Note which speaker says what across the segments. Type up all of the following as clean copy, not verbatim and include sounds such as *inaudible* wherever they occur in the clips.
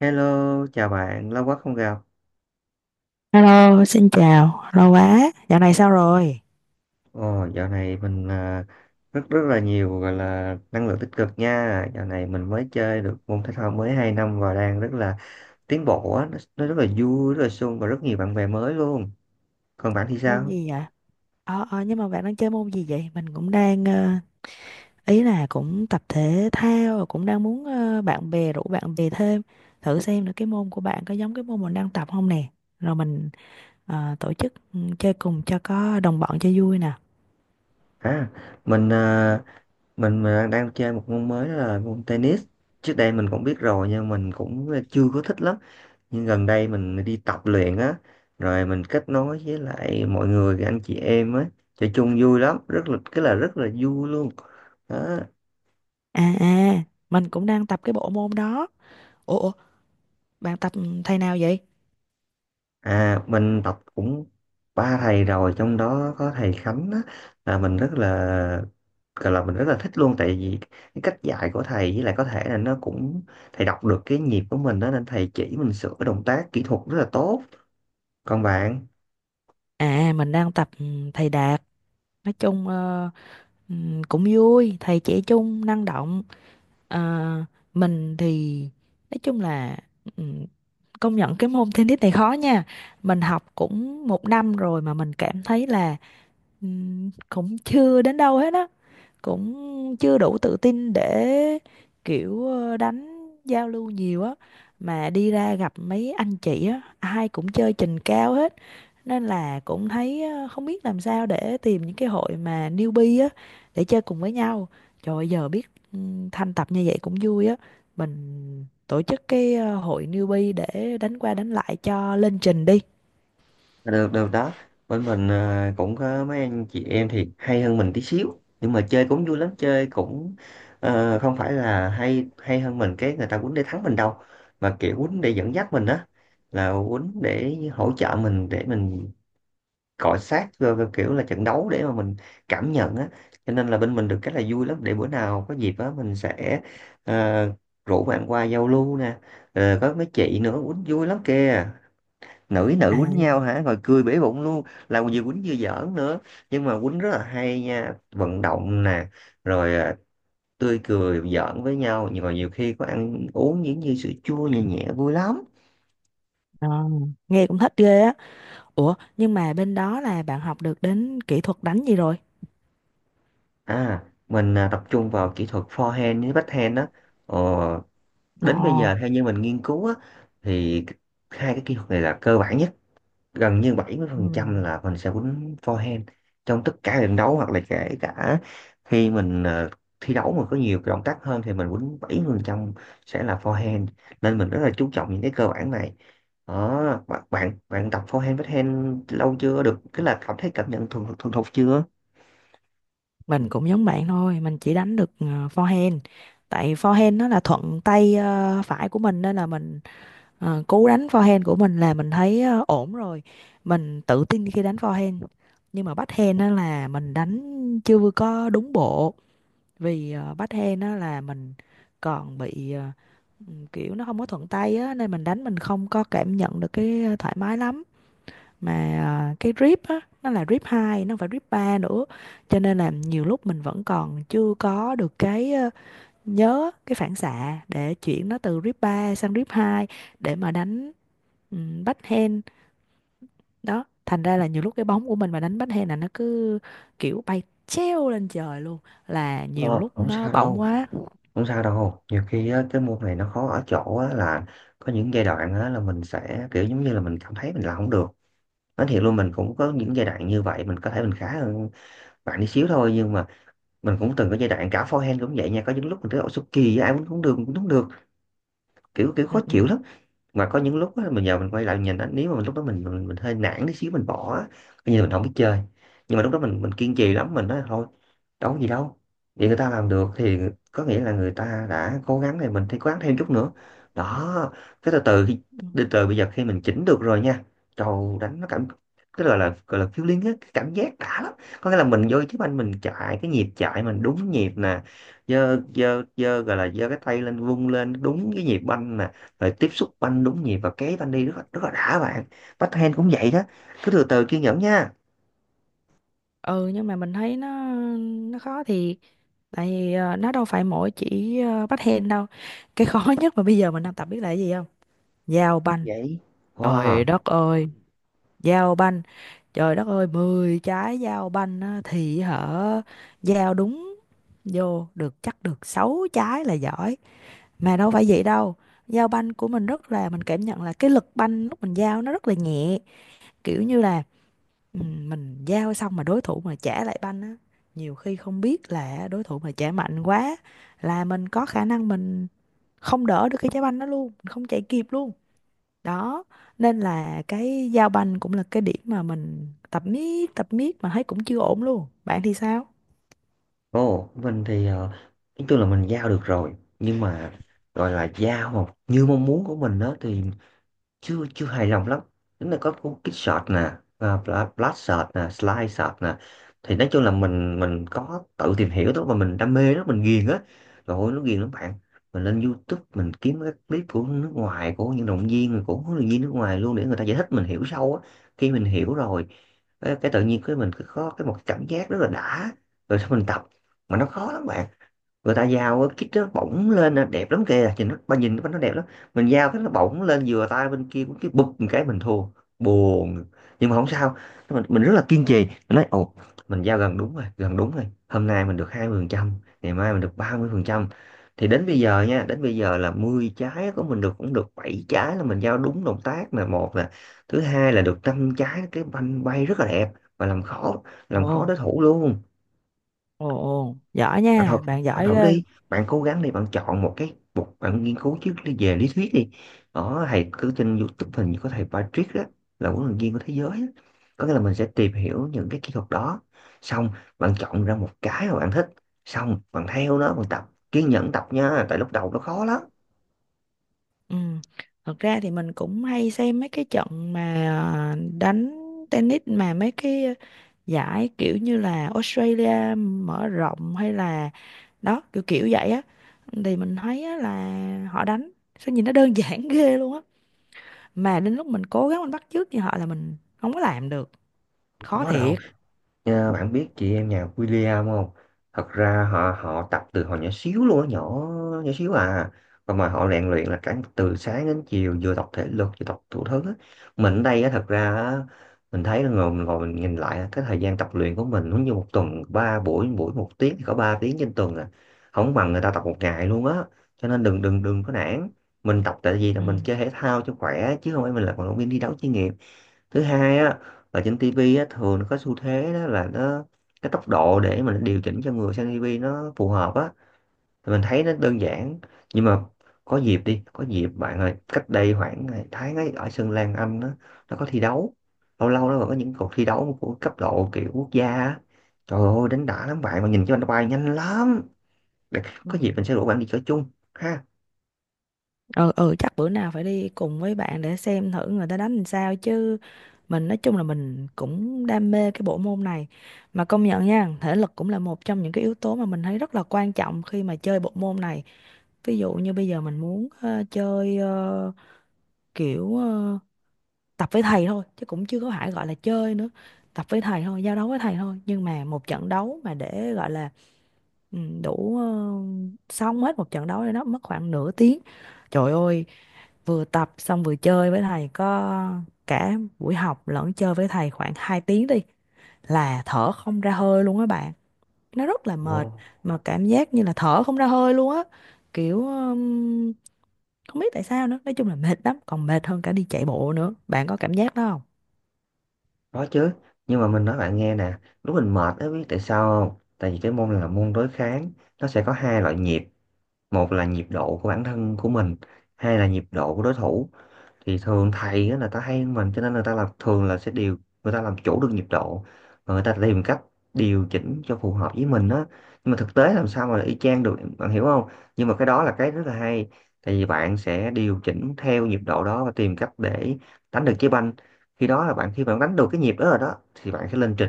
Speaker 1: Hello, chào bạn, lâu quá không gặp.
Speaker 2: Hello, xin chào, lâu quá, dạo này sao rồi?
Speaker 1: Ồ, dạo này rất rất là nhiều gọi là năng lượng tích cực nha. Dạo này mình mới chơi được môn thể thao mới 2 năm và đang rất là tiến bộ á, nó rất là vui, rất là sung và rất nhiều bạn bè mới luôn. Còn bạn thì
Speaker 2: Môn
Speaker 1: sao?
Speaker 2: gì vậy? Nhưng mà bạn đang chơi môn gì vậy? Mình cũng đang, ý là cũng tập thể thao, rồi cũng đang muốn bạn bè, rủ bạn bè thêm, thử xem nữa cái môn của bạn có giống cái môn mình đang tập không nè. Rồi mình tổ chức chơi cùng cho có đồng bọn cho vui nè.
Speaker 1: À, à, mình đang đang chơi một môn mới, đó là môn tennis. Trước đây mình cũng biết rồi nhưng mình cũng chưa có thích lắm. Nhưng gần đây mình đi tập luyện á, rồi mình kết nối với lại mọi người anh chị em á, chơi chung vui lắm, rất là cái là rất là vui luôn đó.
Speaker 2: À à, mình cũng đang tập cái bộ môn đó. Ủa, bạn tập thầy nào vậy?
Speaker 1: À, mình tập cũng ba thầy rồi, trong đó có thầy Khánh á, là mình rất là gọi là mình rất là thích luôn, tại vì cái cách dạy của thầy, với lại có thể là nó cũng thầy đọc được cái nhịp của mình đó, nên thầy chỉ mình sửa động tác kỹ thuật rất là tốt. Còn bạn?
Speaker 2: À, mình đang tập thầy Đạt. Nói chung ừ, cũng vui, thầy trẻ trung, năng động. Ờ, mình thì nói chung là ừm, công nhận cái môn tennis này khó nha. Mình học cũng một năm rồi mà mình cảm thấy là cũng chưa đến đâu hết á, cũng chưa đủ tự tin để kiểu đánh giao lưu nhiều á, mà đi ra gặp mấy anh chị á ai cũng chơi trình cao hết, nên là cũng thấy không biết làm sao để tìm những cái hội mà newbie á để chơi cùng với nhau. Trời ơi, giờ biết ừ, thanh tập như vậy cũng vui á, mình tổ chức cái hội newbie để đánh qua đánh lại cho lên trình đi.
Speaker 1: Được, được đó. Bên cũng có mấy anh chị em thì hay hơn mình tí xíu, nhưng mà chơi cũng vui lắm. Chơi cũng không phải là hay hay hơn mình cái người ta quýnh để thắng mình đâu, mà kiểu quýnh để dẫn dắt mình á, là quýnh để hỗ trợ mình để mình cọ sát, rồi rồi kiểu là trận đấu để mà mình cảm nhận á. Cho nên là bên mình được cái là vui lắm. Để bữa nào có dịp á mình sẽ ờ, rủ bạn qua giao lưu nè. Ờ, có mấy chị nữa quýnh vui lắm kìa, nữ với
Speaker 2: À,
Speaker 1: nữ quýnh nhau hả, rồi cười bể bụng luôn, là vừa quýnh vừa giỡn nữa. Nhưng mà quýnh rất là hay nha, vận động nè, rồi tươi cười giỡn với nhau. Nhưng mà nhiều khi có ăn uống những như sữa chua nhẹ nhẹ vui lắm.
Speaker 2: ờ, nghe cũng thích ghê á. Ủa, nhưng mà bên đó là bạn học được đến kỹ thuật đánh gì rồi?
Speaker 1: Mình tập trung vào kỹ thuật forehand với backhand đó. Ờ,
Speaker 2: Ồ,
Speaker 1: đến bây giờ theo như mình nghiên cứu á, thì hai cái kỹ thuật này là cơ bản nhất, gần như 70%
Speaker 2: ừm,
Speaker 1: là mình sẽ quýnh forehand trong tất cả trận đấu, hoặc là kể cả khi mình thi đấu mà có nhiều cái động tác hơn thì mình quýnh 70% sẽ là forehand, nên mình rất là chú trọng những cái cơ bản này đó. Bạn bạn bạn tập forehand backhand lâu chưa, được cái là cảm thấy cảm nhận thuần thuần thục chưa?
Speaker 2: mình cũng giống bạn thôi, mình chỉ đánh được forehand. Tại forehand nó là thuận tay phải của mình nên là mình, cú đánh forehand của mình là mình thấy ổn rồi. Mình tự tin khi đánh forehand. Nhưng mà backhand đó là mình đánh chưa có đúng bộ, vì backhand đó là mình còn bị, kiểu nó không có thuận tay á nên mình đánh mình không có cảm nhận được cái thoải mái lắm. Mà cái drip á nó là drip 2, nó không phải drip 3 nữa, cho nên là nhiều lúc mình vẫn còn chưa có được cái, nhớ cái phản xạ để chuyển nó từ drip 3 sang drip 2 để mà đánh backhand đó. Thành ra là nhiều lúc cái bóng của mình mà đánh backhand là nó cứ kiểu bay treo lên trời luôn, là nhiều
Speaker 1: Ờ,
Speaker 2: lúc
Speaker 1: không
Speaker 2: nó
Speaker 1: sao
Speaker 2: bỏng
Speaker 1: đâu,
Speaker 2: quá.
Speaker 1: không sao đâu. Nhiều khi á, cái môn này nó khó ở chỗ á, là có những giai đoạn á, là mình sẽ kiểu giống như là mình cảm thấy mình làm không được. Nói thiệt luôn mình cũng có những giai đoạn như vậy. Mình có thể mình khá hơn bạn đi xíu thôi, nhưng mà mình cũng từng có giai đoạn cả forehand cũng vậy nha. Có những lúc mình thấy ổ số kỳ, ai muốn cũng được cũng không được, kiểu kiểu khó
Speaker 2: Ừ, ừ.
Speaker 1: chịu lắm. Mà có những lúc á, mình giờ mình quay lại nhìn á, nếu mà mình lúc đó mình hơi nản tí xíu mình bỏ á, coi như là mình không biết chơi. Nhưng mà lúc đó mình kiên trì lắm. Mình nói thôi, đâu có gì đâu, vậy người ta làm được thì có nghĩa là người ta đã cố gắng, thì mình thì cố gắng thêm chút nữa đó. Cái từ từ khi
Speaker 2: Ừ.
Speaker 1: từ từ bây giờ khi mình chỉnh được rồi nha, trầu đánh nó cảm, cái gọi là feeling á, cái cảm giác đã lắm. Có nghĩa là mình vô chứ anh mình chạy cái nhịp chạy mình đúng nhịp nè, giơ giơ giơ gọi là giơ cái tay lên vung lên đúng cái nhịp banh nè, rồi tiếp xúc banh đúng nhịp và kế banh đi rất là đã bạn. Backhand cũng vậy đó, cứ từ từ kiên nhẫn nha.
Speaker 2: Ừ, nhưng mà mình thấy nó khó thiệt, tại vì nó đâu phải mỗi chỉ bắt hen đâu, cái khó *laughs* nhất mà bây giờ mình đang tập biết là cái gì không? Giao
Speaker 1: Như
Speaker 2: banh.
Speaker 1: vậy.
Speaker 2: Trời
Speaker 1: Wow.
Speaker 2: đất ơi. Giao banh. Trời đất ơi, 10 trái giao banh á, thì hở giao đúng vô được chắc được 6 trái là giỏi. Mà đâu phải vậy đâu, giao banh của mình rất là, mình cảm nhận là cái lực banh lúc mình giao nó rất là nhẹ, kiểu như là... Ừ, mình giao xong mà đối thủ mà trả lại banh á, nhiều khi không biết là đối thủ mà trả mạnh quá là mình có khả năng mình không đỡ được cái trái banh đó luôn, mình không chạy kịp luôn đó. Nên là cái giao banh cũng là cái điểm mà mình tập miết mà thấy cũng chưa ổn luôn. Bạn thì sao?
Speaker 1: Ồ mình thì nói chung là mình giao được rồi, nhưng mà gọi là giao mà như mong muốn của mình đó thì chưa chưa hài lòng lắm. Nếu là có cuốn kích shot nè, và blast shot nè, slide shot nè, thì nói chung là mình có tự tìm hiểu đó, mà mình đam mê đó, mình ghiền á. Rồi ôi, nó ghiền lắm bạn. Mình lên YouTube mình kiếm các clip của nước ngoài, của những động viên, của huấn luyện viên nước ngoài luôn, để người ta giải thích mình hiểu sâu á. Khi mình hiểu rồi cái tự nhiên cái mình cứ có cái một cảm giác rất là đã, rồi sau mình tập. Mà nó khó lắm bạn. Người ta giao cái kít đó bỗng lên là đẹp lắm kìa, nhìn nó ba nhìn nó đẹp lắm. Mình giao cái nó bỗng lên vừa tay bên kia cũng cái bụp một cái mình thua, buồn. Nhưng mà không sao, mình rất là kiên trì. Mình nói ồ, mình giao gần đúng rồi, gần đúng rồi, hôm nay mình được 20%, ngày mai mình được 30%. Thì đến bây giờ nha, đến bây giờ là 10 trái của mình được cũng được 7 trái là mình giao đúng động tác là một nè, thứ hai là được 5 trái cái banh bay rất là đẹp và làm khó,
Speaker 2: Ồ,
Speaker 1: làm khó đối thủ luôn.
Speaker 2: ồ, ồ, giỏi
Speaker 1: Bạn thử,
Speaker 2: nha bạn,
Speaker 1: bạn
Speaker 2: giỏi
Speaker 1: thử
Speaker 2: ghê.
Speaker 1: đi, bạn cố gắng đi. Bạn chọn một cái, một bạn nghiên cứu trước đi về lý thuyết đi. Ở thầy cứ trên YouTube hình như có thầy Patrick đó, là huấn luyện viên của thế giới á. Có nghĩa là mình sẽ tìm hiểu những cái kỹ thuật đó, xong bạn chọn ra một cái mà bạn thích, xong bạn theo nó bạn tập, kiên nhẫn tập nha, tại lúc đầu nó khó lắm.
Speaker 2: Ừ, thật ra thì mình cũng hay xem mấy cái trận mà đánh tennis, mà mấy cái giải kiểu như là Australia mở rộng hay là đó, kiểu kiểu vậy á, thì mình thấy á, là họ đánh sao nhìn nó đơn *laughs* giản ghê luôn á, mà đến lúc mình cố gắng mình bắt chước như họ là mình không có làm được.
Speaker 1: Không
Speaker 2: Khó
Speaker 1: có đâu.
Speaker 2: thiệt.
Speaker 1: Nha, bạn biết chị em nhà William không? Thật ra họ họ tập từ hồi nhỏ xíu luôn á, nhỏ nhỏ xíu à. Và mà họ rèn luyện là cả từ sáng đến chiều, vừa tập thể lực vừa tập thủ thứ á. Mình ở đây á thật ra á, mình thấy là ngồi mình nhìn lại á, cái thời gian tập luyện của mình giống như một tuần ba buổi, buổi một tiếng thì có 3 tiếng trên tuần à. Không bằng người ta tập một ngày luôn á. Cho nên đừng, đừng, đừng có nản. Mình tập tại vì là
Speaker 2: Ừ.
Speaker 1: mình chơi thể thao cho khỏe, chứ không phải mình là vận động viên đi đấu chuyên nghiệp. Thứ hai á, ở trên tivi á thường nó có xu thế đó là nó cái tốc độ để mà nó điều chỉnh cho người xem tivi nó phù hợp á, thì mình thấy nó đơn giản. Nhưng mà có dịp đi, có dịp bạn ơi, cách đây khoảng tháng ấy ở sân Lan Anh á, nó có thi đấu, lâu lâu nó còn có những cuộc thi đấu của cấp độ kiểu quốc gia á, trời ơi đánh đã lắm bạn, mà nhìn cho anh bay nhanh lắm. Để-
Speaker 2: Ừ.
Speaker 1: có dịp mình sẽ rủ bạn đi chơi chung.
Speaker 2: Ờ, ừ, chắc bữa nào phải đi cùng với bạn để xem thử người ta đánh làm sao chứ. Mình nói chung là mình cũng đam mê cái bộ môn này, mà công nhận nha, thể lực cũng là một trong những cái yếu tố mà mình thấy rất là quan trọng khi mà chơi bộ môn này. Ví dụ như bây giờ mình muốn chơi, kiểu tập với thầy thôi chứ cũng chưa có phải gọi là chơi nữa, tập với thầy thôi, giao đấu với thầy thôi, nhưng mà một trận đấu mà để gọi là đủ, xong hết một trận đấu rồi đó mất khoảng nửa tiếng. Trời ơi, vừa tập xong vừa chơi với thầy, có cả buổi học lẫn chơi với thầy khoảng 2 tiếng đi là thở không ra hơi luôn á bạn, nó rất là
Speaker 1: Ha.
Speaker 2: mệt. Mà cảm giác như là thở không ra hơi luôn á, kiểu không biết tại sao nữa, nói chung là mệt lắm, còn mệt hơn cả đi chạy bộ nữa. Bạn có cảm giác đó không?
Speaker 1: Có chứ, nhưng mà mình nói bạn nghe nè, lúc mình mệt ấy biết tại sao không? Tại vì cái môn này là môn đối kháng, nó sẽ có hai loại nhịp: một là nhịp độ của bản thân của mình, hai là nhịp độ của đối thủ. Thì thường thầy á, là ta hay hơn mình cho nên người ta làm thường là sẽ điều, người ta làm chủ được nhịp độ và người ta tìm cách điều chỉnh cho phù hợp với mình á. Nhưng mà thực tế làm sao mà y chang được, bạn hiểu không? Nhưng mà cái đó là cái rất là hay, tại vì bạn sẽ điều chỉnh theo nhịp độ đó và tìm cách để đánh được trái banh. Khi đó là bạn, khi bạn đánh được cái nhịp đó rồi đó thì bạn sẽ lên trình,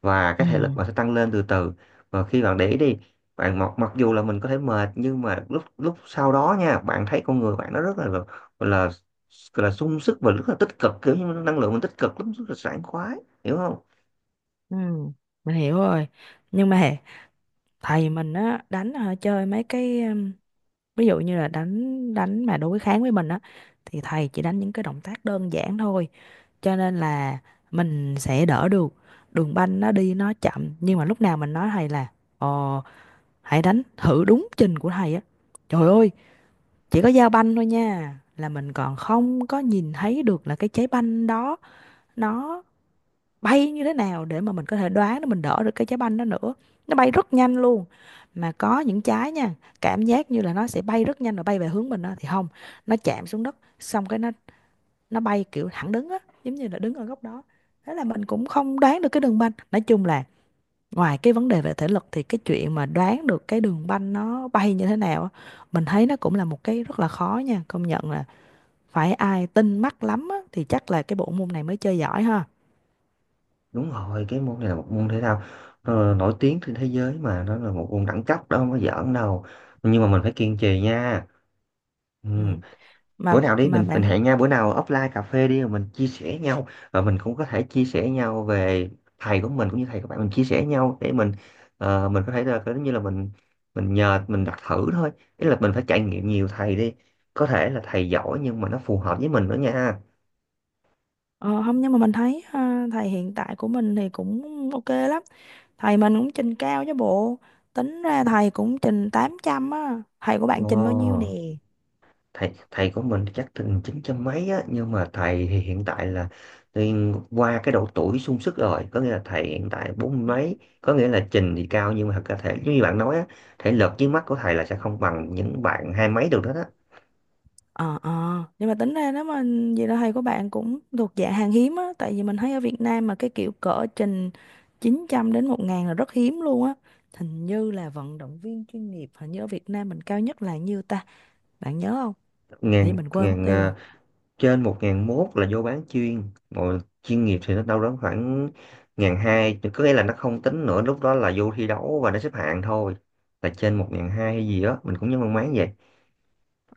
Speaker 1: và
Speaker 2: Ừ,
Speaker 1: cái thể lực bạn sẽ tăng lên từ từ. Và khi bạn để ý đi, bạn mặc mặc dù là mình có thể mệt, nhưng mà lúc lúc sau đó nha bạn thấy con người bạn nó rất là, là, là sung sức và rất là tích cực, kiểu như năng lượng mình tích cực lắm, rất là sảng khoái, hiểu không?
Speaker 2: ừ, mình hiểu rồi. Nhưng mà thầy mình á đánh hả, chơi mấy cái, ví dụ như là đánh đánh mà đối kháng với mình á thì thầy chỉ đánh những cái động tác đơn giản thôi, cho nên là mình sẽ đỡ được, đường banh nó đi nó chậm. Nhưng mà lúc nào mình nói thầy là ờ, hãy đánh thử đúng trình của thầy á, trời ơi, chỉ có giao banh thôi nha là mình còn không có nhìn thấy được là cái trái banh đó nó bay như thế nào để mà mình có thể đoán để mình đỡ được cái trái banh đó nữa, nó bay rất nhanh luôn. Mà có những trái nha, cảm giác như là nó sẽ bay rất nhanh rồi bay về hướng mình đó, thì không, nó chạm xuống đất xong cái nó bay kiểu thẳng đứng á, giống như là đứng ở góc đó, thế là mình cũng không đoán được cái đường banh. Nói chung là ngoài cái vấn đề về thể lực thì cái chuyện mà đoán được cái đường banh nó bay như thế nào á, mình thấy nó cũng là một cái rất là khó nha. Công nhận là phải ai tinh mắt lắm á thì chắc là cái bộ môn này mới chơi giỏi ha.
Speaker 1: Đúng rồi, cái môn này là một môn thể thao, nó là nổi tiếng trên thế giới, mà nó là một môn đẳng cấp đó, không có giỡn đâu. Nhưng mà mình phải kiên trì nha. Ừ.
Speaker 2: Ừ. mà
Speaker 1: Bữa nào đi
Speaker 2: mà
Speaker 1: mình
Speaker 2: bạn,
Speaker 1: hẹn nhau bữa nào offline cà phê đi, rồi mình chia sẻ nhau, và mình cũng có thể chia sẻ nhau về thầy của mình cũng như thầy của bạn, mình chia sẻ nhau để mình mình có thể là giống như là mình nhờ mình đặt thử thôi, ý là mình phải trải nghiệm nhiều thầy đi, có thể là thầy giỏi nhưng mà nó phù hợp với mình nữa nha.
Speaker 2: Ờ, không, nhưng mà mình thấy ha, thầy hiện tại của mình thì cũng ok lắm, thầy mình cũng trình cao chứ bộ, tính ra thầy cũng trình 800 á. Thầy của bạn
Speaker 1: Ồ,
Speaker 2: trình bao nhiêu nè?
Speaker 1: thầy thầy của mình chắc từng chín trăm mấy á, nhưng mà thầy thì hiện tại là thì qua cái độ tuổi sung sức rồi, có nghĩa là thầy hiện tại bốn mươi mấy, có nghĩa là trình thì cao nhưng mà thật ra thể giống như bạn nói á, thể lực dưới mắt của thầy là sẽ không bằng những bạn hai mấy được đó đó.
Speaker 2: Ờ nhưng mà tính ra, nếu mà vậy là thầy của bạn cũng thuộc dạng hàng hiếm á, tại vì mình thấy ở Việt Nam mà cái kiểu cỡ trình 900 đến 1.000 là rất hiếm luôn á. Hình như là vận động viên chuyên nghiệp, hình như ở Việt Nam mình cao nhất là nhiêu ta, bạn nhớ không? Thì
Speaker 1: Ngàn,
Speaker 2: mình quên mất tiêu rồi.
Speaker 1: trên một ngàn mốt là vô bán chuyên, rồi chuyên nghiệp thì nó đâu đó khoảng ngàn hai, có nghĩa là nó không tính nữa, lúc đó là vô thi đấu và nó xếp hạng thôi, là trên một ngàn hai hay gì đó mình cũng nhớ mang máng vậy.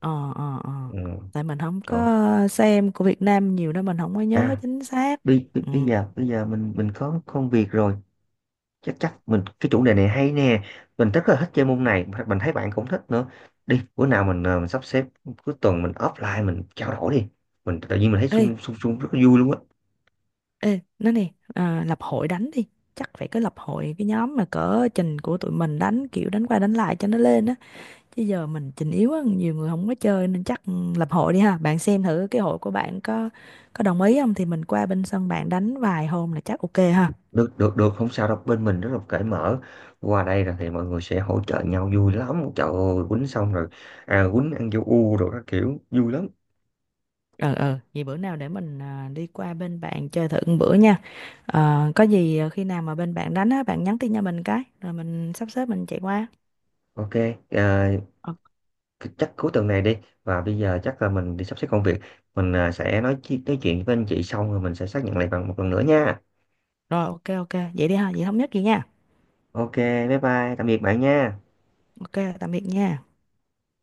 Speaker 2: Ờ, ờ, ờ,
Speaker 1: Ừ,
Speaker 2: tại mình không
Speaker 1: rồi.
Speaker 2: có xem của Việt Nam nhiều nên mình không có nhớ
Speaker 1: À,
Speaker 2: chính xác.
Speaker 1: bây bây
Speaker 2: Ừ.
Speaker 1: bây giờ mình có công việc rồi, chắc chắc mình cái chủ đề này hay nè, mình rất là thích chơi môn này, mình thấy bạn cũng thích nữa. Đi bữa nào mình sắp xếp cuối tuần, mình offline mình trao đổi đi. Mình tự nhiên mình thấy
Speaker 2: Ê,
Speaker 1: sung sung sung rất là vui luôn á.
Speaker 2: ê, nói nè, à, lập hội đánh đi, chắc phải có lập hội cái nhóm mà cỡ trình của tụi mình đánh kiểu đánh qua đánh lại cho nó lên á, chứ giờ mình trình yếu á nhiều người không có chơi nên chắc lập hội đi ha. Bạn xem thử cái hội của bạn có đồng ý không thì mình qua bên sân bạn đánh vài hôm là chắc ok ha.
Speaker 1: Được, được, được, không sao đâu, bên mình rất là cởi mở. Qua đây là thì mọi người sẽ hỗ trợ nhau vui lắm, trời ơi quýnh xong rồi quýnh ăn vô u rồi các kiểu vui lắm.
Speaker 2: Ờ Vậy bữa nào để mình đi qua bên bạn chơi thử một bữa nha. Ờ, có gì khi nào mà bên bạn đánh á bạn nhắn tin cho mình cái rồi mình sắp xếp mình chạy qua.
Speaker 1: OK. Ờ,
Speaker 2: Ờ,
Speaker 1: chắc cuối tuần này đi, và bây giờ chắc là mình đi sắp xếp công việc. Mình sẽ nói chuyện với anh chị xong rồi mình sẽ xác nhận lại bằng một lần nữa nha.
Speaker 2: rồi, ok, ok, vậy đi ha, vậy thống nhất gì nha.
Speaker 1: OK, bye bye, tạm biệt bạn nha.
Speaker 2: Ok, tạm biệt nha.